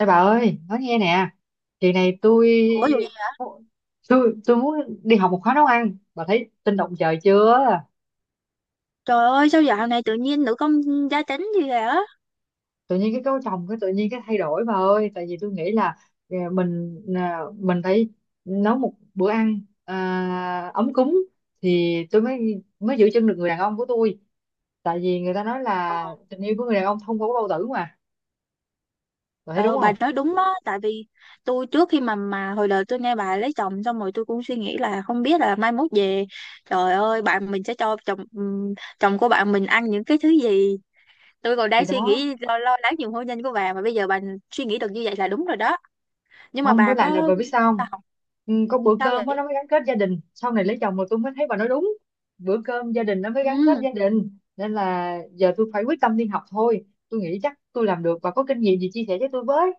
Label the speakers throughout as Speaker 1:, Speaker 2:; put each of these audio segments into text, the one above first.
Speaker 1: Ê bà ơi, nói nghe nè, kỳ này tôi
Speaker 2: Ủa dù gì?
Speaker 1: tôi tôi muốn đi học một khóa nấu ăn, bà thấy tinh động trời chưa?
Speaker 2: Trời ơi, sao dạo này tự nhiên nữ công gia chánh gì vậy á?
Speaker 1: Tự nhiên cái cấu chồng cái tự nhiên cái thay đổi bà ơi, tại vì tôi nghĩ là mình mình phải nấu một bữa ăn ấm cúng thì tôi mới mới giữ chân được người đàn ông của tôi, tại vì người ta nói
Speaker 2: Ờ,
Speaker 1: là tình yêu của người đàn ông thông qua cái bao tử mà, bà thấy đúng
Speaker 2: ờ, bà
Speaker 1: không?
Speaker 2: nói đúng đó, tại vì tôi trước khi mà hồi đời tôi nghe bà lấy chồng xong rồi tôi cũng suy nghĩ là không biết là mai mốt về, trời ơi, bạn mình sẽ cho chồng chồng của bạn mình ăn những cái thứ gì. Tôi còn
Speaker 1: Thì
Speaker 2: đang suy
Speaker 1: đó.
Speaker 2: nghĩ lo lo lắng nhiều hôn nhân của bà, mà bây giờ bà suy nghĩ được như vậy là đúng rồi đó. Nhưng mà
Speaker 1: Không
Speaker 2: bà
Speaker 1: với lại là
Speaker 2: có
Speaker 1: bà biết sao không?
Speaker 2: là học
Speaker 1: Ừ, có bữa
Speaker 2: sao
Speaker 1: cơm á, nó
Speaker 2: vậy?
Speaker 1: mới gắn kết gia đình sau này lấy chồng mà tôi mới thấy bà nói đúng. Bữa cơm gia đình nó mới gắn kết
Speaker 2: Ừ.
Speaker 1: gia đình nên là giờ tôi phải quyết tâm đi học thôi, tôi nghĩ chắc tôi làm được, và có kinh nghiệm gì chia sẻ với tôi với.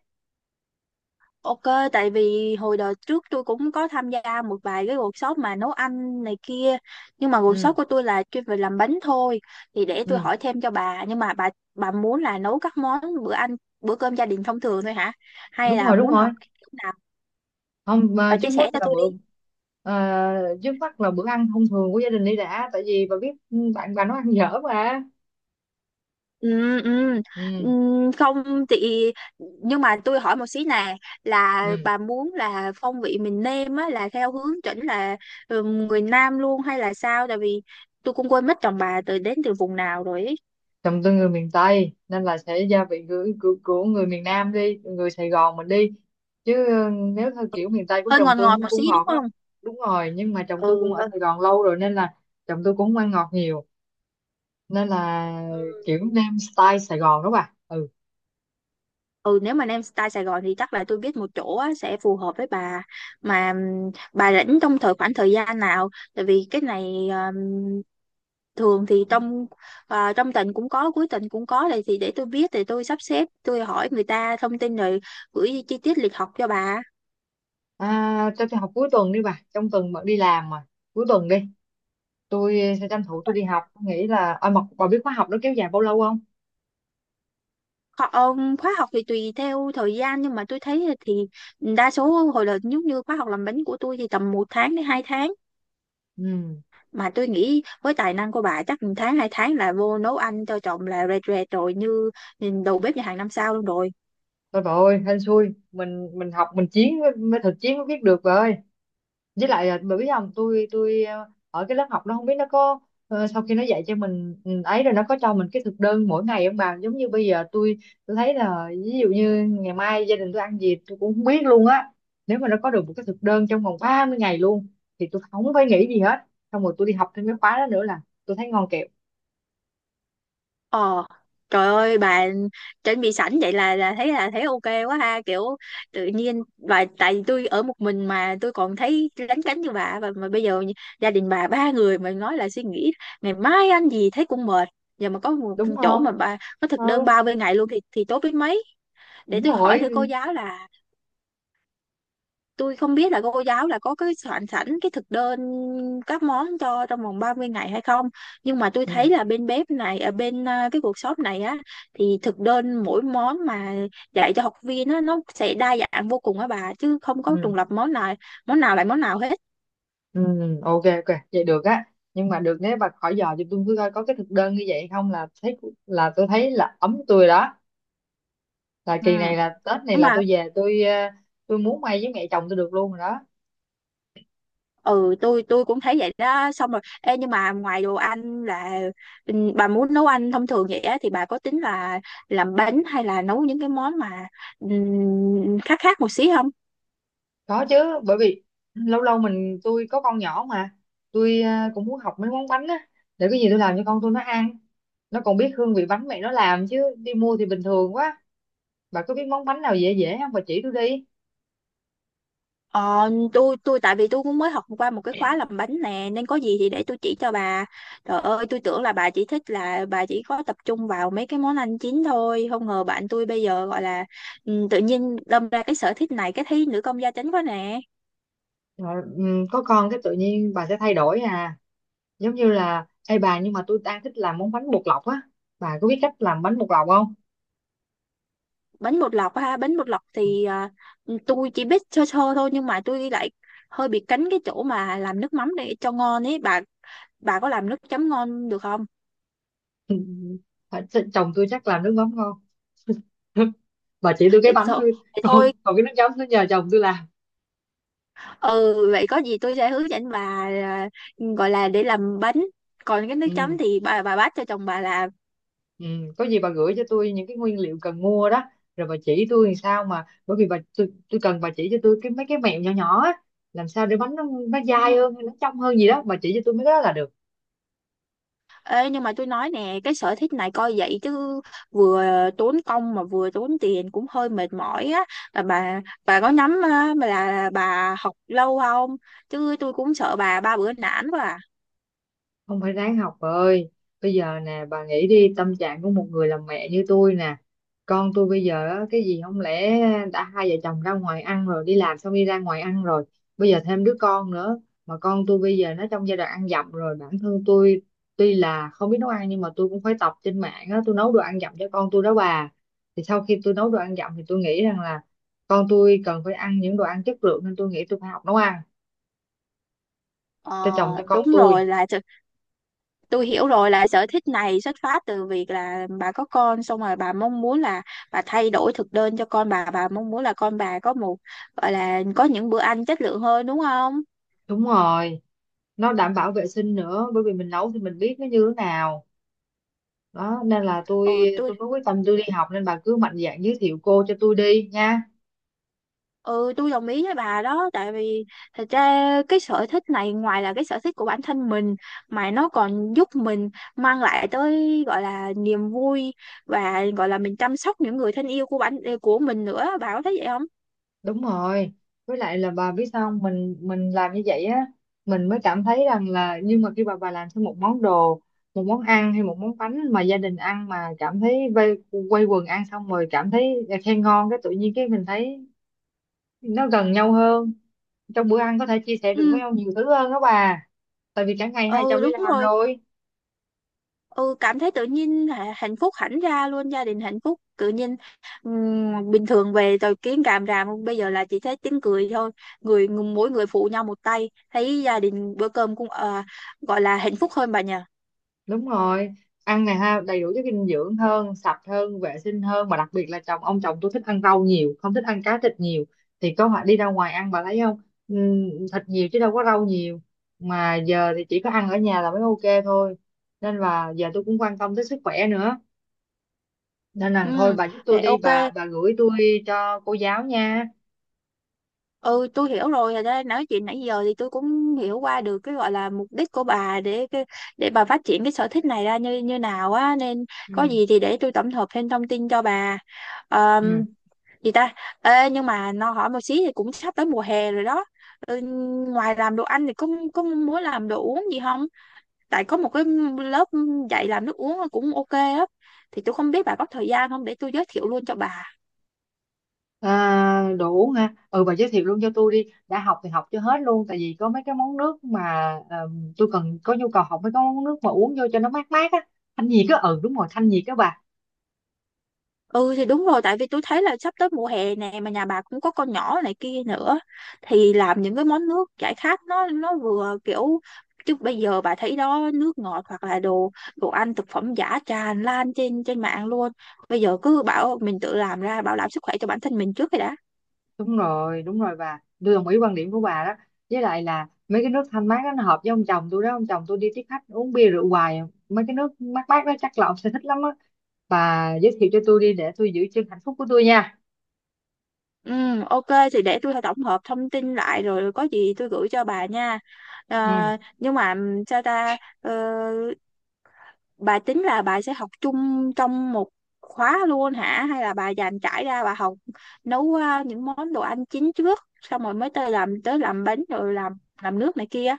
Speaker 2: Ok, tại vì hồi đợt trước tôi cũng có tham gia một vài cái workshop mà nấu ăn này kia. Nhưng mà workshop
Speaker 1: Ừ.
Speaker 2: của tôi là chuyên về làm bánh thôi. Thì để tôi
Speaker 1: Ừ,
Speaker 2: hỏi thêm cho bà. Nhưng mà bà muốn là nấu các món bữa ăn, bữa cơm gia đình thông thường thôi hả? Hay
Speaker 1: đúng
Speaker 2: là
Speaker 1: rồi, đúng
Speaker 2: muốn
Speaker 1: rồi.
Speaker 2: học cái kiểu nào?
Speaker 1: Không, mà
Speaker 2: Bà
Speaker 1: trước
Speaker 2: chia sẻ
Speaker 1: mắt
Speaker 2: cho
Speaker 1: là
Speaker 2: tôi
Speaker 1: bữa
Speaker 2: đi.
Speaker 1: à, trước mắt là bữa ăn thông thường của gia đình đi đã, tại vì bà biết, ừ, bạn bà nó ăn dở mà.
Speaker 2: Ừ, ừ, ừ,
Speaker 1: Ừ.
Speaker 2: không chị, nhưng mà tôi hỏi một xí nè, là
Speaker 1: Ừ.
Speaker 2: bà muốn là phong vị mình nêm á là theo hướng chỉnh là người nam luôn, hay là sao, tại vì tôi cũng quên mất chồng bà đến từ vùng nào rồi ấy.
Speaker 1: Chồng tôi người miền Tây nên là sẽ gia vị của người miền Nam đi, người Sài Gòn mình đi, chứ nếu theo kiểu miền Tây của
Speaker 2: Hơi
Speaker 1: chồng
Speaker 2: ngọt
Speaker 1: tôi
Speaker 2: ngọt
Speaker 1: nó
Speaker 2: một xí
Speaker 1: cũng
Speaker 2: đúng
Speaker 1: ngọt đó.
Speaker 2: không?
Speaker 1: Đúng rồi, nhưng mà chồng tôi cũng
Speaker 2: Ừ
Speaker 1: ở
Speaker 2: vâng.
Speaker 1: Sài Gòn lâu rồi nên là chồng tôi cũng không ăn ngọt nhiều, nên là
Speaker 2: Ừ.
Speaker 1: kiểu nem style Sài Gòn đó bà. Ừ.
Speaker 2: Ừ, nếu mà Nam Style Sài Gòn thì chắc là tôi biết một chỗ á, sẽ phù hợp với bà. Mà bà rảnh trong khoảng thời gian nào, tại vì cái này thường thì trong tuần cũng có, cuối tuần cũng có, thì để tôi biết thì tôi sắp xếp, tôi hỏi người ta thông tin rồi gửi chi tiết lịch học cho bà.
Speaker 1: Cho tôi học cuối tuần đi bà, trong tuần bận đi làm mà, cuối tuần đi tôi sẽ tranh thủ tôi đi học. Tôi nghĩ là, mà bà biết khóa học nó kéo dài bao lâu không?
Speaker 2: Khóa học thì tùy theo thời gian, nhưng mà tôi thấy thì đa số hồi là giống như khóa học làm bánh của tôi thì tầm 1 tháng đến 2 tháng.
Speaker 1: Ừ.
Speaker 2: Mà tôi nghĩ với tài năng của bà chắc 1 tháng 2 tháng là vô nấu ăn cho chồng là rệt rệt rồi, như nhìn đầu bếp nhà hàng 5 sao luôn rồi.
Speaker 1: Thôi bà ơi, hên xui, mình học mình chiến mới thực chiến mới biết được bà ơi. Với lại là bởi biết không, tôi ở cái lớp học nó không biết nó có, sau khi nó dạy cho mình, ừ, ấy rồi nó có cho mình cái thực đơn mỗi ngày không bà? Giống như bây giờ tôi thấy là ví dụ như ngày mai gia đình tôi ăn gì tôi cũng không biết luôn á. Nếu mà nó có được một cái thực đơn trong vòng 30 ngày luôn thì tôi không phải nghĩ gì hết, xong rồi tôi đi học thêm cái khóa đó nữa là tôi thấy ngon kẹo
Speaker 2: ờ Trời ơi, bà chuẩn bị sẵn vậy là thấy ok quá ha, kiểu tự nhiên bà, tại vì tôi ở một mình mà tôi còn thấy lấn cấn như bà, và mà bây giờ gia đình bà ba người mà, nói là suy nghĩ ngày mai ăn gì thấy cũng mệt. Giờ mà có một
Speaker 1: đúng
Speaker 2: chỗ mà
Speaker 1: không?
Speaker 2: bà có thực đơn
Speaker 1: Ừ,
Speaker 2: bao bên ngày luôn thì tốt biết mấy. Để
Speaker 1: đúng
Speaker 2: tôi hỏi
Speaker 1: rồi.
Speaker 2: thử cô giáo là tôi không biết là cô giáo là có cái soạn sẵn cái thực đơn các món cho trong vòng 30 ngày hay không, nhưng mà tôi thấy
Speaker 1: Ừ.
Speaker 2: là bên bếp này ở cái workshop này á thì thực đơn mỗi món mà dạy cho học viên á nó sẽ đa dạng vô cùng á bà, chứ không có
Speaker 1: Ừ.
Speaker 2: trùng lặp món nào lại món nào hết.
Speaker 1: Ừ, ok, ok vậy được á, nhưng mà được nếu bà khỏi dò thì tôi cứ coi có cái thực đơn như vậy không là thấy, là tôi thấy là ấm tôi rồi đó, là
Speaker 2: Ừ.
Speaker 1: kỳ này là Tết này
Speaker 2: Nhưng
Speaker 1: là
Speaker 2: mà
Speaker 1: tôi về tôi, tôi muốn may với mẹ chồng tôi được luôn rồi đó.
Speaker 2: ừ tôi cũng thấy vậy đó, xong rồi ê, nhưng mà ngoài đồ ăn là bà muốn nấu ăn thông thường vậy á thì bà có tính là làm bánh hay là nấu những cái món mà ừ, khác khác một xí không?
Speaker 1: Có chứ, bởi vì lâu lâu mình, tôi có con nhỏ mà, tôi cũng muốn học mấy món bánh á, để cái gì tôi làm cho con tôi nó ăn, nó còn biết hương vị bánh mẹ nó làm chứ đi mua thì bình thường quá. Bà có biết món bánh nào dễ dễ không bà, chỉ tôi đi.
Speaker 2: Ờ, tôi tại vì tôi cũng mới học qua một cái khóa làm bánh nè, nên có gì thì để tôi chỉ cho bà. Trời ơi, tôi tưởng là bà chỉ thích là bà chỉ có tập trung vào mấy cái món ăn chín thôi, không ngờ bạn tôi bây giờ gọi là tự nhiên đâm ra cái sở thích này cái thấy nữ công gia chánh quá nè.
Speaker 1: Rồi, ừ, có con cái tự nhiên bà sẽ thay đổi à. Giống như là, ê bà, nhưng mà tôi đang thích làm món bánh bột lọc á, bà có biết cách làm bánh bột lọc không?
Speaker 2: Bánh bột lọc ha, bánh bột lọc thì tôi chỉ biết sơ sơ thôi, nhưng mà tôi lại hơi bị cánh cái chỗ mà làm nước mắm để cho ngon ấy. Bà có làm nước chấm ngon được không?
Speaker 1: Phải- chồng tôi chắc làm nước mắm ngon. Bà chỉ tôi cái
Speaker 2: Để
Speaker 1: bánh
Speaker 2: thôi,
Speaker 1: thôi.
Speaker 2: để
Speaker 1: còn
Speaker 2: thôi
Speaker 1: còn cái nước chấm nó nhờ chồng tôi làm.
Speaker 2: ừ vậy có gì tôi sẽ hướng dẫn bà à, gọi là để làm bánh, còn cái nước chấm
Speaker 1: Ừ,
Speaker 2: thì bà bắt cho chồng bà làm.
Speaker 1: ừ. Có gì bà gửi cho tôi những cái nguyên liệu cần mua đó, rồi bà chỉ tôi làm sao, mà bởi vì bà tôi, cần bà chỉ cho tôi cái mấy cái mẹo nhỏ nhỏ á, làm sao để bánh nó dai
Speaker 2: Ừ.
Speaker 1: hơn nó trong hơn gì đó, bà chỉ cho tôi mấy cái đó là được.
Speaker 2: Ê, nhưng mà tôi nói nè, cái sở thích này coi vậy chứ vừa tốn công mà vừa tốn tiền cũng hơi mệt mỏi á, là bà có nhắm á, mà là bà học lâu không, chứ tôi cũng sợ bà ba bữa nản quá à.
Speaker 1: Không, phải ráng học bà ơi. Bây giờ nè bà nghĩ đi, tâm trạng của một người làm mẹ như tôi nè, con tôi bây giờ á, cái gì không lẽ đã hai vợ chồng ra ngoài ăn rồi đi làm xong đi ra ngoài ăn, rồi bây giờ thêm đứa con nữa, mà con tôi bây giờ nó trong giai đoạn ăn dặm rồi. Bản thân tôi tuy là không biết nấu ăn nhưng mà tôi cũng phải tập trên mạng á, tôi nấu đồ ăn dặm cho con tôi đó bà. Thì sau khi tôi nấu đồ ăn dặm thì tôi nghĩ rằng là con tôi cần phải ăn những đồ ăn chất lượng nên tôi nghĩ tôi phải học nấu ăn
Speaker 2: Ờ
Speaker 1: cho chồng, cho con
Speaker 2: đúng
Speaker 1: tôi.
Speaker 2: rồi, là tôi hiểu rồi là sở thích này xuất phát từ việc là bà có con xong rồi bà mong muốn là bà thay đổi thực đơn cho con bà mong muốn là con bà có một gọi là có những bữa ăn chất lượng hơn, đúng không?
Speaker 1: Đúng rồi, nó đảm bảo vệ sinh nữa bởi vì mình nấu thì mình biết nó như thế nào đó, nên là tôi
Speaker 2: ừ tôi
Speaker 1: tôi mới quyết tâm tôi đi học, nên bà cứ mạnh dạn giới thiệu cô cho tôi đi nha.
Speaker 2: ừ tôi đồng ý với bà đó, tại vì thật ra cái sở thích này ngoài là cái sở thích của bản thân mình mà nó còn giúp mình mang lại tới gọi là niềm vui, và gọi là mình chăm sóc những người thân yêu của bản của mình nữa, bà có thấy vậy không?
Speaker 1: Đúng rồi, với lại là bà biết sao không? Mình làm như vậy á, mình mới cảm thấy rằng là, nhưng mà khi bà làm thêm một món đồ, một món ăn hay một món bánh mà gia đình ăn mà cảm thấy vây, quây quần ăn xong rồi cảm thấy khen ngon, cái tự nhiên cái mình thấy nó gần nhau hơn, trong bữa ăn có thể chia sẻ được với
Speaker 2: Ừ,
Speaker 1: nhau nhiều thứ hơn đó bà. Tại vì cả ngày hai
Speaker 2: ừ
Speaker 1: chồng đi
Speaker 2: đúng
Speaker 1: làm
Speaker 2: rồi.
Speaker 1: rồi.
Speaker 2: Ừ, cảm thấy tự nhiên hạnh phúc hẳn ra luôn, gia đình hạnh phúc tự nhiên, bình thường về rồi kiến càm ràm, bây giờ là chỉ thấy tiếng cười thôi, người mỗi người phụ nhau một tay, thấy gia đình bữa cơm cũng gọi là hạnh phúc hơn bà nhỉ.
Speaker 1: Đúng rồi, ăn này ha, đầy đủ chất dinh dưỡng hơn, sạch hơn, vệ sinh hơn, mà đặc biệt là ông chồng tôi thích ăn rau nhiều, không thích ăn cá thịt nhiều thì có phải đi ra ngoài ăn, bà thấy không? Thịt nhiều chứ đâu có rau nhiều, mà giờ thì chỉ có ăn ở nhà là mới ok thôi, nên là giờ tôi cũng quan tâm tới sức khỏe nữa, nên là thôi
Speaker 2: Ừ
Speaker 1: bà giúp tôi
Speaker 2: vậy
Speaker 1: đi
Speaker 2: ok.
Speaker 1: bà gửi tôi cho cô giáo nha.
Speaker 2: Ừ tôi hiểu rồi. Thật ra nói chuyện nãy giờ thì tôi cũng hiểu qua được cái gọi là mục đích của bà để để bà phát triển cái sở thích này ra như như nào á, nên có
Speaker 1: Ừ.
Speaker 2: gì thì để tôi tổng hợp thêm thông tin cho bà.
Speaker 1: Ừ.
Speaker 2: Gì ta? Ê, nhưng mà nó hỏi một xí, thì cũng sắp tới mùa hè rồi đó. Ừ, ngoài làm đồ ăn thì có muốn làm đồ uống gì không, tại có một cái lớp dạy làm nước uống cũng ok á, thì tôi không biết bà có thời gian không để tôi giới thiệu luôn cho bà.
Speaker 1: À, đủ ha, ừ bà giới thiệu luôn cho tôi đi, đã học thì học cho hết luôn, tại vì có mấy cái món nước mà, ờ, tôi cần có nhu cầu học mấy cái món nước mà uống vô cho nó mát mát á, thanh nhiệt á, ừ đúng rồi, thanh nhiệt á bà.
Speaker 2: Ừ thì đúng rồi, tại vì tôi thấy là sắp tới mùa hè nè mà nhà bà cũng có con nhỏ này kia nữa, thì làm những cái món nước giải khát, nó vừa kiểu, chứ bây giờ bà thấy đó, nước ngọt hoặc là đồ đồ ăn thực phẩm giả tràn lan trên trên mạng luôn, bây giờ cứ bảo mình tự làm ra bảo đảm sức khỏe cho bản thân mình trước rồi đã.
Speaker 1: Đúng rồi, đúng rồi bà, tôi đồng ý quan điểm của bà đó, với lại là mấy cái nước thanh mát đó nó hợp với ông chồng tôi đó, ông chồng tôi đi tiếp khách uống bia rượu hoài, mấy cái nước mát mát đó chắc là ông sẽ thích lắm á, bà giới thiệu cho tôi đi để tôi giữ chân hạnh phúc của tôi nha.
Speaker 2: Ừ ok, thì để tôi tổng hợp thông tin lại rồi có gì tôi gửi cho bà nha. Ờ,
Speaker 1: Ừ.
Speaker 2: nhưng mà sao ta? Ờ, bà tính là bà sẽ học chung trong một khóa luôn hả, hay là bà dành trải ra bà học nấu những món đồ ăn chính trước xong rồi mới tới làm bánh rồi làm nước này kia.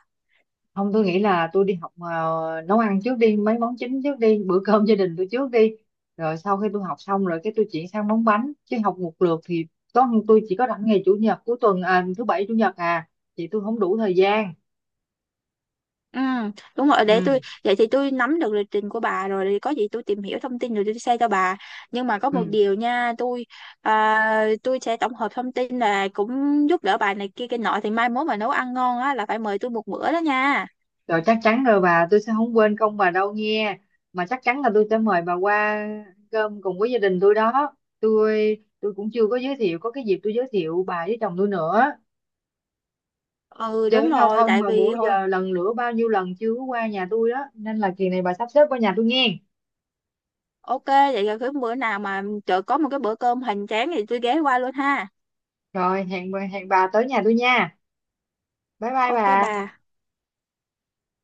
Speaker 1: Không, tôi nghĩ là tôi đi học nấu ăn trước đi, mấy món chính trước đi, bữa cơm gia đình tôi trước đi, rồi sau khi tôi học xong rồi cái tôi chuyển sang món bánh, chứ học một lượt thì có, tôi chỉ có rảnh ngày chủ nhật cuối tuần, thứ bảy chủ nhật à, thì tôi không đủ thời gian.
Speaker 2: Ừ đúng rồi, để
Speaker 1: Ừ.
Speaker 2: tôi vậy thì tôi nắm được lịch trình của bà rồi thì có gì tôi tìm hiểu thông tin rồi tôi share cho bà. Nhưng mà có
Speaker 1: Ừ.
Speaker 2: một điều nha tôi, tôi sẽ tổng hợp thông tin là cũng giúp đỡ bà này kia cái nọ thì mai mốt mà nấu ăn ngon á là phải mời tôi một bữa đó nha.
Speaker 1: Rồi chắc chắn rồi bà, tôi sẽ không quên công bà đâu nghe, mà chắc chắn là tôi sẽ mời bà qua ăn cơm cùng với gia đình tôi đó, tôi cũng chưa có giới thiệu, có cái dịp tôi giới thiệu bà với chồng tôi nữa.
Speaker 2: Ừ đúng
Speaker 1: Giới giao
Speaker 2: rồi
Speaker 1: thông
Speaker 2: tại
Speaker 1: mà
Speaker 2: vì
Speaker 1: bữa
Speaker 2: hồi.
Speaker 1: giờ lần lữa bao nhiêu lần chưa có qua nhà tôi đó, nên là kỳ này bà sắp xếp qua nhà tôi nghe.
Speaker 2: Ok, vậy là cái bữa nào mà chợ có một cái bữa cơm hoành tráng thì tôi ghé qua luôn ha.
Speaker 1: Rồi hẹn bà tới nhà tôi nha. Bye bye
Speaker 2: Ok bà.
Speaker 1: bà.